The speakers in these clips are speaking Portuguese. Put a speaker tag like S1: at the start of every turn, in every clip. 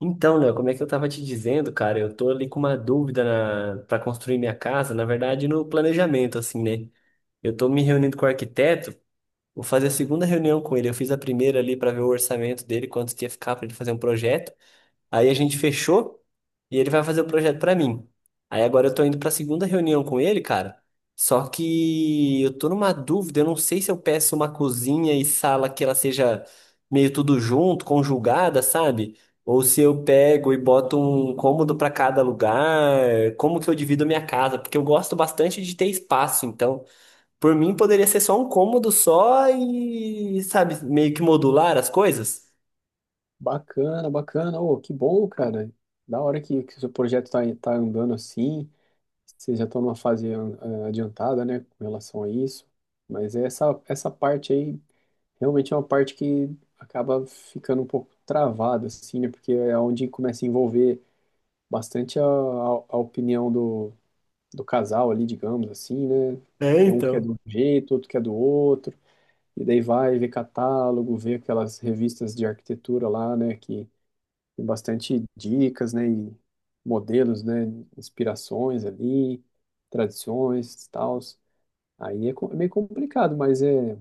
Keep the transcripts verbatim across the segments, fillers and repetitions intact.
S1: Então, né? Como é que eu tava te dizendo, cara, eu tô ali com uma dúvida na... para construir minha casa, na verdade, no planejamento, assim, né? Eu tô me reunindo com o arquiteto, vou fazer a segunda reunião com ele. Eu fiz a primeira ali para ver o orçamento dele, quanto que ia ficar para ele fazer um projeto. Aí a gente fechou e ele vai fazer o projeto pra mim. Aí agora eu tô indo pra segunda reunião com ele, cara. Só que eu tô numa dúvida, eu não sei se eu peço uma cozinha e sala que ela seja meio tudo junto, conjugada, sabe? Ou se eu pego e boto um cômodo pra cada lugar, como que eu divido a minha casa? Porque eu gosto bastante de ter espaço, então, por mim poderia ser só um cômodo só e, sabe, meio que modular as coisas.
S2: Bacana, bacana. Oh, que bom, cara. Da hora que, que seu projeto tá, tá andando assim. Vocês já estão numa fase ah, adiantada, né, com relação a isso. Mas essa, essa parte aí realmente é uma parte que acaba ficando um pouco travada, assim, né? Porque é onde começa a envolver bastante a, a, a opinião do, do casal ali, digamos assim, né?
S1: É,
S2: Um que quer de
S1: então.
S2: um jeito, outro quer do outro. E daí vai ver catálogo, ver aquelas revistas de arquitetura lá, né? Que tem bastante dicas, né? E modelos, né? Inspirações ali, tradições, tals. Aí é, co- é meio complicado, mas é,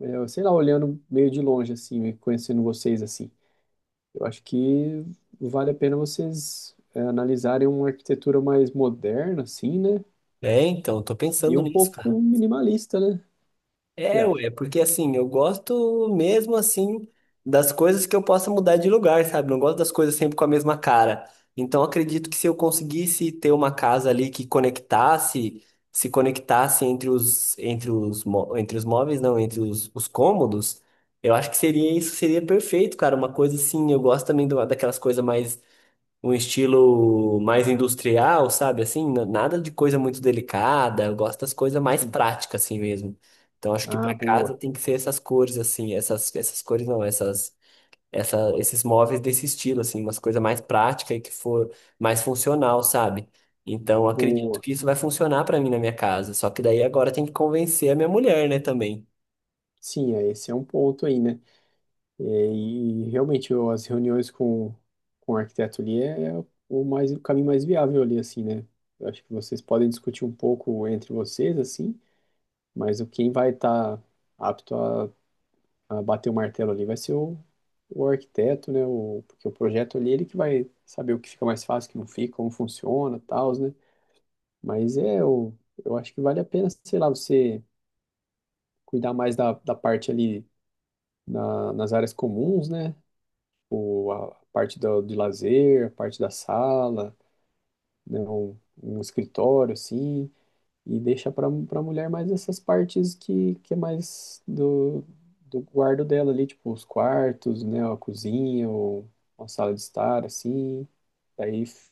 S2: é, sei lá, olhando meio de longe, assim, meio conhecendo vocês, assim. Eu acho que vale a pena vocês é, analisarem uma arquitetura mais moderna, assim, né?
S1: É, então, tô
S2: E
S1: pensando
S2: um
S1: nisso, cara.
S2: pouco minimalista, né? Você
S1: É,
S2: acha?
S1: ué, porque assim, eu gosto mesmo assim das coisas que eu possa mudar de lugar, sabe? Não gosto das coisas sempre com a mesma cara. Então, acredito que se eu conseguisse ter uma casa ali que conectasse, se conectasse entre os, entre os, mó- entre os móveis, não, entre os, os cômodos, eu acho que seria isso, seria perfeito, cara. Uma coisa assim, eu gosto também do- daquelas coisas mais um estilo mais industrial, sabe? Assim, na- nada de coisa muito delicada. Eu gosto das coisas mais
S2: Sim.
S1: práticas, assim mesmo. Então, acho que
S2: Ah,
S1: para casa
S2: boa,
S1: tem que ser essas cores, assim, essas, essas cores não, essas, essa, esses móveis desse estilo, assim, umas coisas mais práticas e que for mais funcional, sabe? Então, acredito
S2: boa.
S1: que isso vai funcionar para mim na minha casa. Só que daí agora tem que convencer a minha mulher, né, também.
S2: Sim, é, esse é um ponto aí, né? É. E, realmente eu- as reuniões com, com o arquiteto ali é, é o mais o caminho mais viável ali assim, né? Eu acho que vocês podem discutir um pouco entre vocês assim, mas o quem vai estar apto a, a bater o martelo ali vai ser o, o arquiteto, né? O, porque o projeto ali ele que vai saber o que fica mais fácil, o que não fica, como funciona, tal, né? Mas é eu, eu acho que vale a pena, sei lá, você cuidar mais da, da parte ali na- nas áreas comuns, né? o, a parte do, de lazer, a parte da sala, né, um, um escritório assim, e deixa para para mulher mais essas partes que, que é mais do, do guardo dela ali, tipo os quartos, né, a cozinha, ou uma sala de estar assim. Daí f-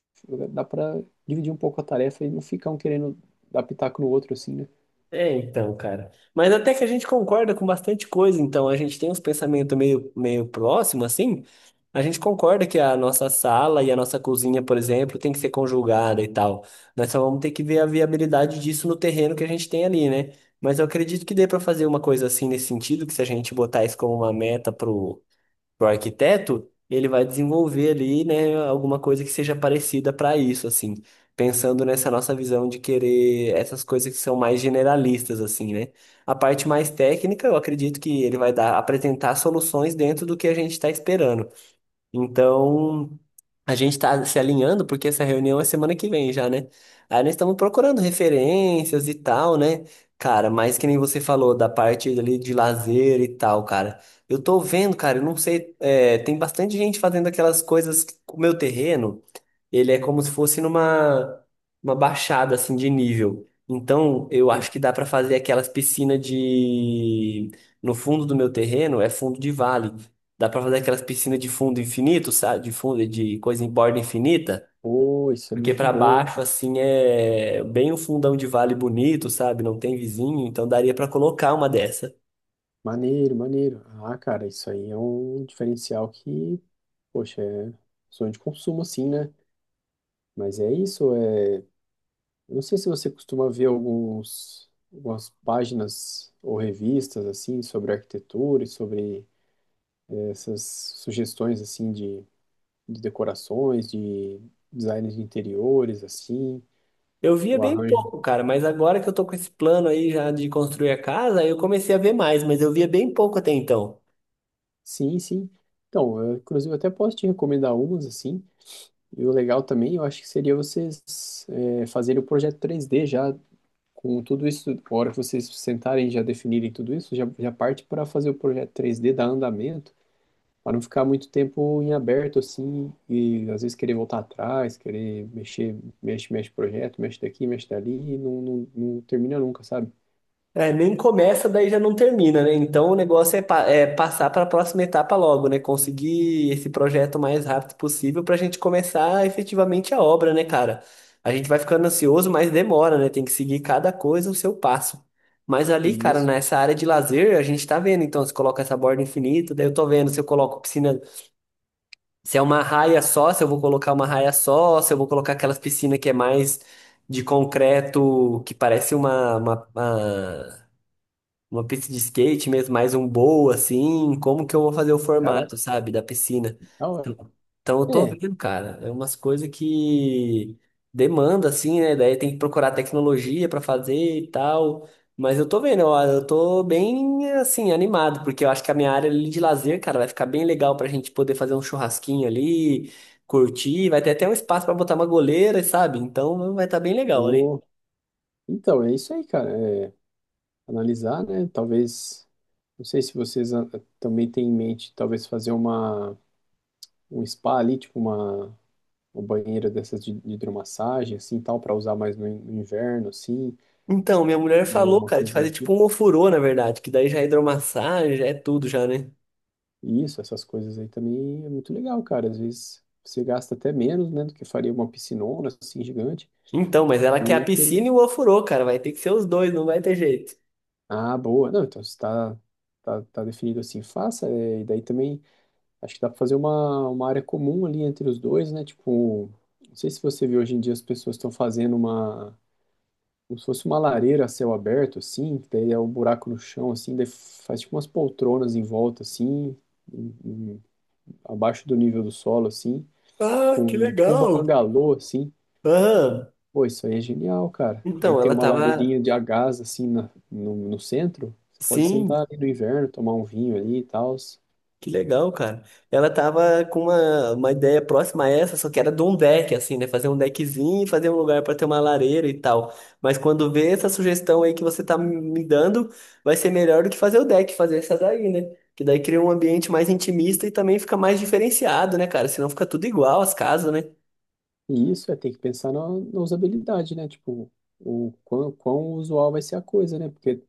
S2: dá para dividir um pouco a tarefa e não ficar um querendo dar pitaco no outro assim, né?
S1: É, então, cara. Mas até que a gente concorda com bastante coisa, então a gente tem uns pensamentos meio, meio próximos, assim. A gente concorda que a nossa sala e a nossa cozinha, por exemplo, tem que ser conjugada e tal. Nós só vamos ter que ver a viabilidade disso no terreno que a gente tem ali, né? Mas eu acredito que dê pra fazer uma coisa assim nesse sentido, que se a gente botar isso como uma meta para o arquiteto, ele vai desenvolver ali, né, alguma coisa que seja parecida para isso, assim, pensando nessa nossa visão de querer essas coisas que são mais generalistas, assim, né? A parte mais técnica, eu acredito que ele vai dar, apresentar soluções dentro do que a gente está esperando. Então, a gente está se alinhando porque essa reunião é semana que vem já, né? Aí nós estamos procurando referências e tal, né? Cara, mas que nem você falou da parte ali de lazer e tal, cara. Eu tô vendo, cara, eu não sei, é, tem bastante gente fazendo aquelas coisas com o meu terreno ele é como se fosse numa uma baixada assim de nível. Então, eu
S2: E,
S1: acho que dá para fazer aquelas piscinas de no fundo do meu terreno, é fundo de vale. Dá para fazer aquelas piscinas de fundo infinito, sabe? De fundo de coisa em borda infinita,
S2: pô, isso é
S1: porque
S2: muito
S1: para
S2: bom. Hein?
S1: baixo assim é bem um fundão de vale bonito, sabe? Não tem vizinho, então daria para colocar uma dessa.
S2: Maneiro, maneiro. Ah, cara, isso aí é um diferencial que Poxa, é sonho de consumo, assim, né? Mas é isso, é... eu não sei se você costuma ver alguns, algumas páginas ou revistas, assim, sobre arquitetura e sobre essas sugestões, assim, de, de decorações, de design de interiores, assim,
S1: Eu via
S2: o
S1: bem
S2: arranjo.
S1: pouco, cara, mas agora que eu tô com esse plano aí já de construir a casa, eu comecei a ver mais, mas eu via bem pouco até então.
S2: Sim, sim. Então, eu, inclusive, até posso te recomendar umas, assim, e o legal também, eu acho que seria vocês é, fazerem o projeto três dê já. Com tudo isso, a hora que vocês sentarem e já definirem tudo isso, já, já parte para fazer o projeto três dê dar andamento, para não ficar muito tempo em aberto assim, e às vezes querer voltar atrás, querer mexer, mexe, mexe projeto, mexe daqui, mexe dali, e não, não, não termina nunca, sabe?
S1: É, nem começa, daí já não termina, né? Então o negócio é, pa- é passar para a próxima etapa logo, né? Conseguir esse projeto o mais rápido possível para a gente começar efetivamente a obra, né, cara? A gente vai ficando ansioso, mas demora, né? Tem que seguir cada coisa o seu passo. Mas
S2: E
S1: ali, cara,
S2: isso,
S1: nessa área de lazer, a gente tá vendo. Então, se coloca essa borda infinita, daí eu tô vendo se eu coloco piscina, se é uma raia só, se eu vou colocar uma raia só, se eu vou colocar aquelas piscinas que é mais de concreto, que parece uma, uma uma- uma pista de skate mesmo, mais um bowl, assim, como que eu vou fazer o formato,
S2: caraca,
S1: sabe, da piscina?
S2: da hora.
S1: Então, então eu tô
S2: É,
S1: vendo, cara, é umas coisas que demanda, assim, né? Daí tem que procurar tecnologia pra fazer e tal. Mas eu tô vendo, ó, eu tô bem, assim, animado, porque eu acho que a minha área ali de lazer, cara, vai ficar bem legal pra gente poder fazer um churrasquinho ali, curtir, vai ter até um espaço pra botar uma goleira, sabe? Então vai estar bem legal ali.
S2: o... então, é isso aí, cara. É, analisar, né? Talvez, não sei se vocês ah, também têm em mente, talvez fazer uma, um spa ali, tipo uma uma banheira dessas de, de hidromassagem, assim, tal, para usar mais no, in- no inverno, assim,
S1: Então, minha mulher
S2: ou
S1: falou,
S2: uma
S1: cara, de
S2: coisa
S1: fazer
S2: do
S1: tipo
S2: tipo.
S1: um ofurô, na verdade, que daí já é hidromassagem, já é tudo já, né?
S2: E isso, essas coisas aí também é muito legal, cara. Às vezes você gasta até menos, né, do que faria uma piscinona, assim, gigante.
S1: Então, mas ela quer a
S2: E
S1: piscina
S2: teria-
S1: e o ofurô, cara, vai ter que ser os dois, não vai ter jeito.
S2: Ah, boa. Não, então você tá, tá, tá definido assim, faça. é, e daí também acho que dá para fazer uma, uma área comum ali entre os dois, né? Tipo, não sei se você vê hoje em dia as pessoas estão fazendo uma como se fosse uma lareira a céu aberto, assim, que daí é um buraco no chão, assim, daí faz tipo umas poltronas em volta, assim, em- em- abaixo do nível do solo, assim,
S1: Ah, que
S2: com tipo um
S1: legal!
S2: bangalô, assim.
S1: Aham.
S2: Pô, isso aí é genial, cara. Daí
S1: Então,
S2: tem
S1: ela
S2: uma
S1: tava.
S2: lareirinha de a gás, assim, na- no, no centro. Você pode sentar
S1: Sim.
S2: ali no inverno, tomar um vinho ali e tal.
S1: Que legal, cara. Ela tava com uma, uma ideia próxima a essa, só que era de um deck, assim, né? Fazer um deckzinho e fazer um lugar pra ter uma lareira e tal. Mas quando vê essa sugestão aí que você tá me dando, vai ser melhor do que fazer o deck, fazer essa daí, né? Que daí cria um ambiente mais intimista e também fica mais diferenciado, né, cara? Senão fica tudo igual as casas, né?
S2: E isso é ter que pensar na, na usabilidade, né? Tipo, o quão, quão usual vai ser a coisa, né? Porque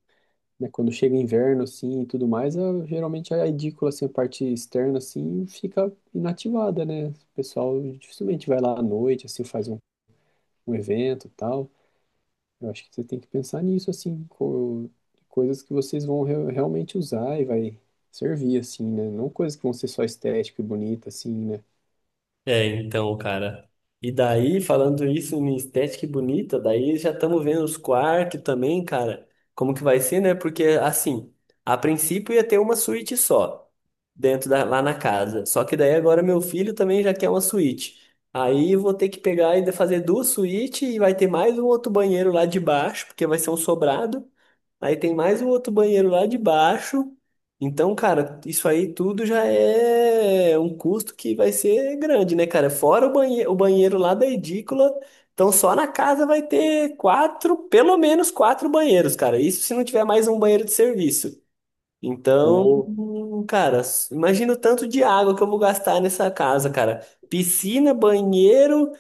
S2: né, quando chega inverno, assim, e tudo mais, a- geralmente é a edícula, assim, a parte externa, assim, fica inativada, né? O pessoal dificilmente vai lá à noite, assim, faz um, um evento e tal. Eu acho que você tem que pensar nisso, assim, co coisas que vocês vão re- realmente usar e vai servir, assim, né? Não coisas que vão ser só estética e bonita, assim, né?
S1: É, então, cara. E daí, falando isso em estética e bonita, daí já estamos vendo os quartos também, cara. Como que vai ser, né? Porque, assim, a princípio ia ter uma suíte só, dentro da, lá na casa. Só que daí agora meu filho também já quer uma suíte. Aí eu vou ter que pegar e fazer duas suítes e vai ter mais um outro banheiro lá de baixo, porque vai ser um sobrado. Aí tem mais um outro banheiro lá de baixo. Então, cara, isso aí tudo já é um custo que vai ser grande, né, cara? Fora o banheiro, o banheiro lá da edícula. Então, só na casa vai ter quatro, pelo menos quatro banheiros, cara. Isso se não tiver mais um banheiro de serviço. Então,
S2: Ou...
S1: cara, s- imagina o tanto de água que eu vou gastar nessa casa, cara. Piscina, banheiro,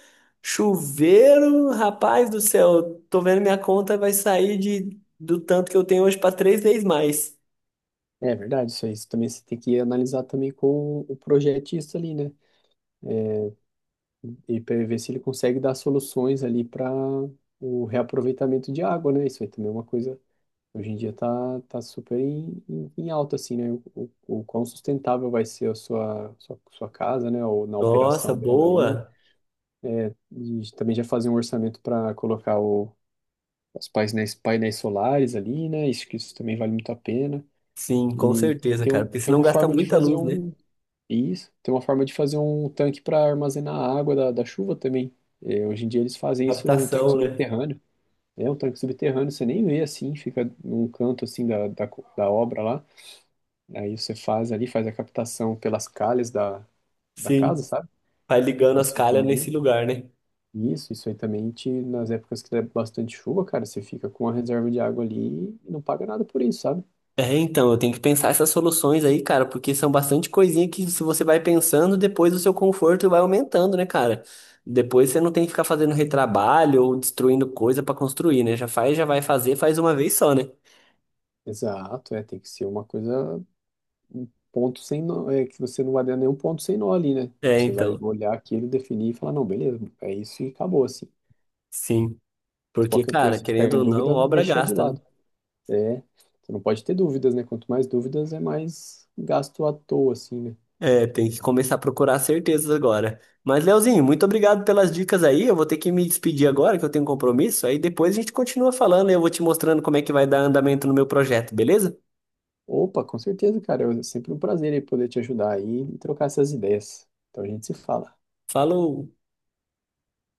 S1: chuveiro, rapaz do céu, tô vendo minha conta vai sair de, do tanto que eu tenho hoje para três vezes mais.
S2: É verdade, isso aí. Isso também você tem que analisar também com o projetista ali, né? E para ver se ele consegue dar soluções ali para o reaproveitamento de água, né? Isso aí também é uma coisa, hoje em dia tá, tá super em, em, em alta, assim, né? O, o, o quão sustentável vai ser a sua, sua, sua casa, né? Ou na
S1: Nossa,
S2: operação dela ali.
S1: boa.
S2: E também já fazer um orçamento para colocar o, os painéis, painéis solares ali, né? Isso, que isso também vale muito a pena.
S1: Sim, com
S2: E
S1: certeza,
S2: tem,
S1: cara,
S2: um-
S1: porque
S2: tem
S1: senão
S2: uma
S1: gasta
S2: forma de
S1: muita
S2: fazer
S1: luz, né?
S2: um isso. Tem uma forma de fazer um tanque para armazenar a água da, da chuva também. É, hoje em dia eles fazem isso, um tanque
S1: Captação, né?
S2: subterrâneo. É um tanque subterrâneo, você nem vê assim, fica num canto assim da, da, co- da obra lá. Aí você faz ali, faz a captação pelas calhas da, da casa,
S1: Sim,
S2: sabe?
S1: vai ligando as
S2: Isso aí
S1: calhas
S2: também.
S1: nesse lugar, né?
S2: Isso, isso aí também te, nas épocas que der bastante chuva, cara, você fica com a reserva de água ali e não paga nada por isso, sabe?
S1: É, então, eu tenho que pensar essas soluções aí, cara, porque são bastante coisinha que se você vai pensando, depois o seu conforto vai aumentando, né, cara? Depois você não tem que ficar fazendo retrabalho ou destruindo coisa pra construir, né? Já faz, já vai fazer, faz uma vez só, né?
S2: Exato, é, tem que ser uma coisa ponto sem nó, é que você não vai dar nenhum ponto sem nó ali, né?
S1: É,
S2: Tipo, você vai
S1: então,
S2: olhar aquilo, definir e falar, não, beleza, é isso e acabou, assim.
S1: sim.
S2: Mas
S1: Porque,
S2: qualquer
S1: cara,
S2: coisa, se ficar
S1: querendo
S2: em
S1: ou não,
S2: dúvida,
S1: obra
S2: deixa de
S1: gasta, né?
S2: lado. É, você não pode ter dúvidas, né? Quanto mais dúvidas, é mais gasto à toa, assim, né?
S1: É, tem que começar a procurar certezas agora. Mas, Leozinho, muito obrigado pelas dicas aí. Eu vou ter que me despedir agora, que eu tenho um compromisso. Aí depois a gente continua falando e eu vou te mostrando como é que vai dar andamento no meu projeto, beleza?
S2: Opa, com certeza, cara, é sempre um prazer aí poder te ajudar aí e trocar essas ideias. Então a gente se fala.
S1: Falou!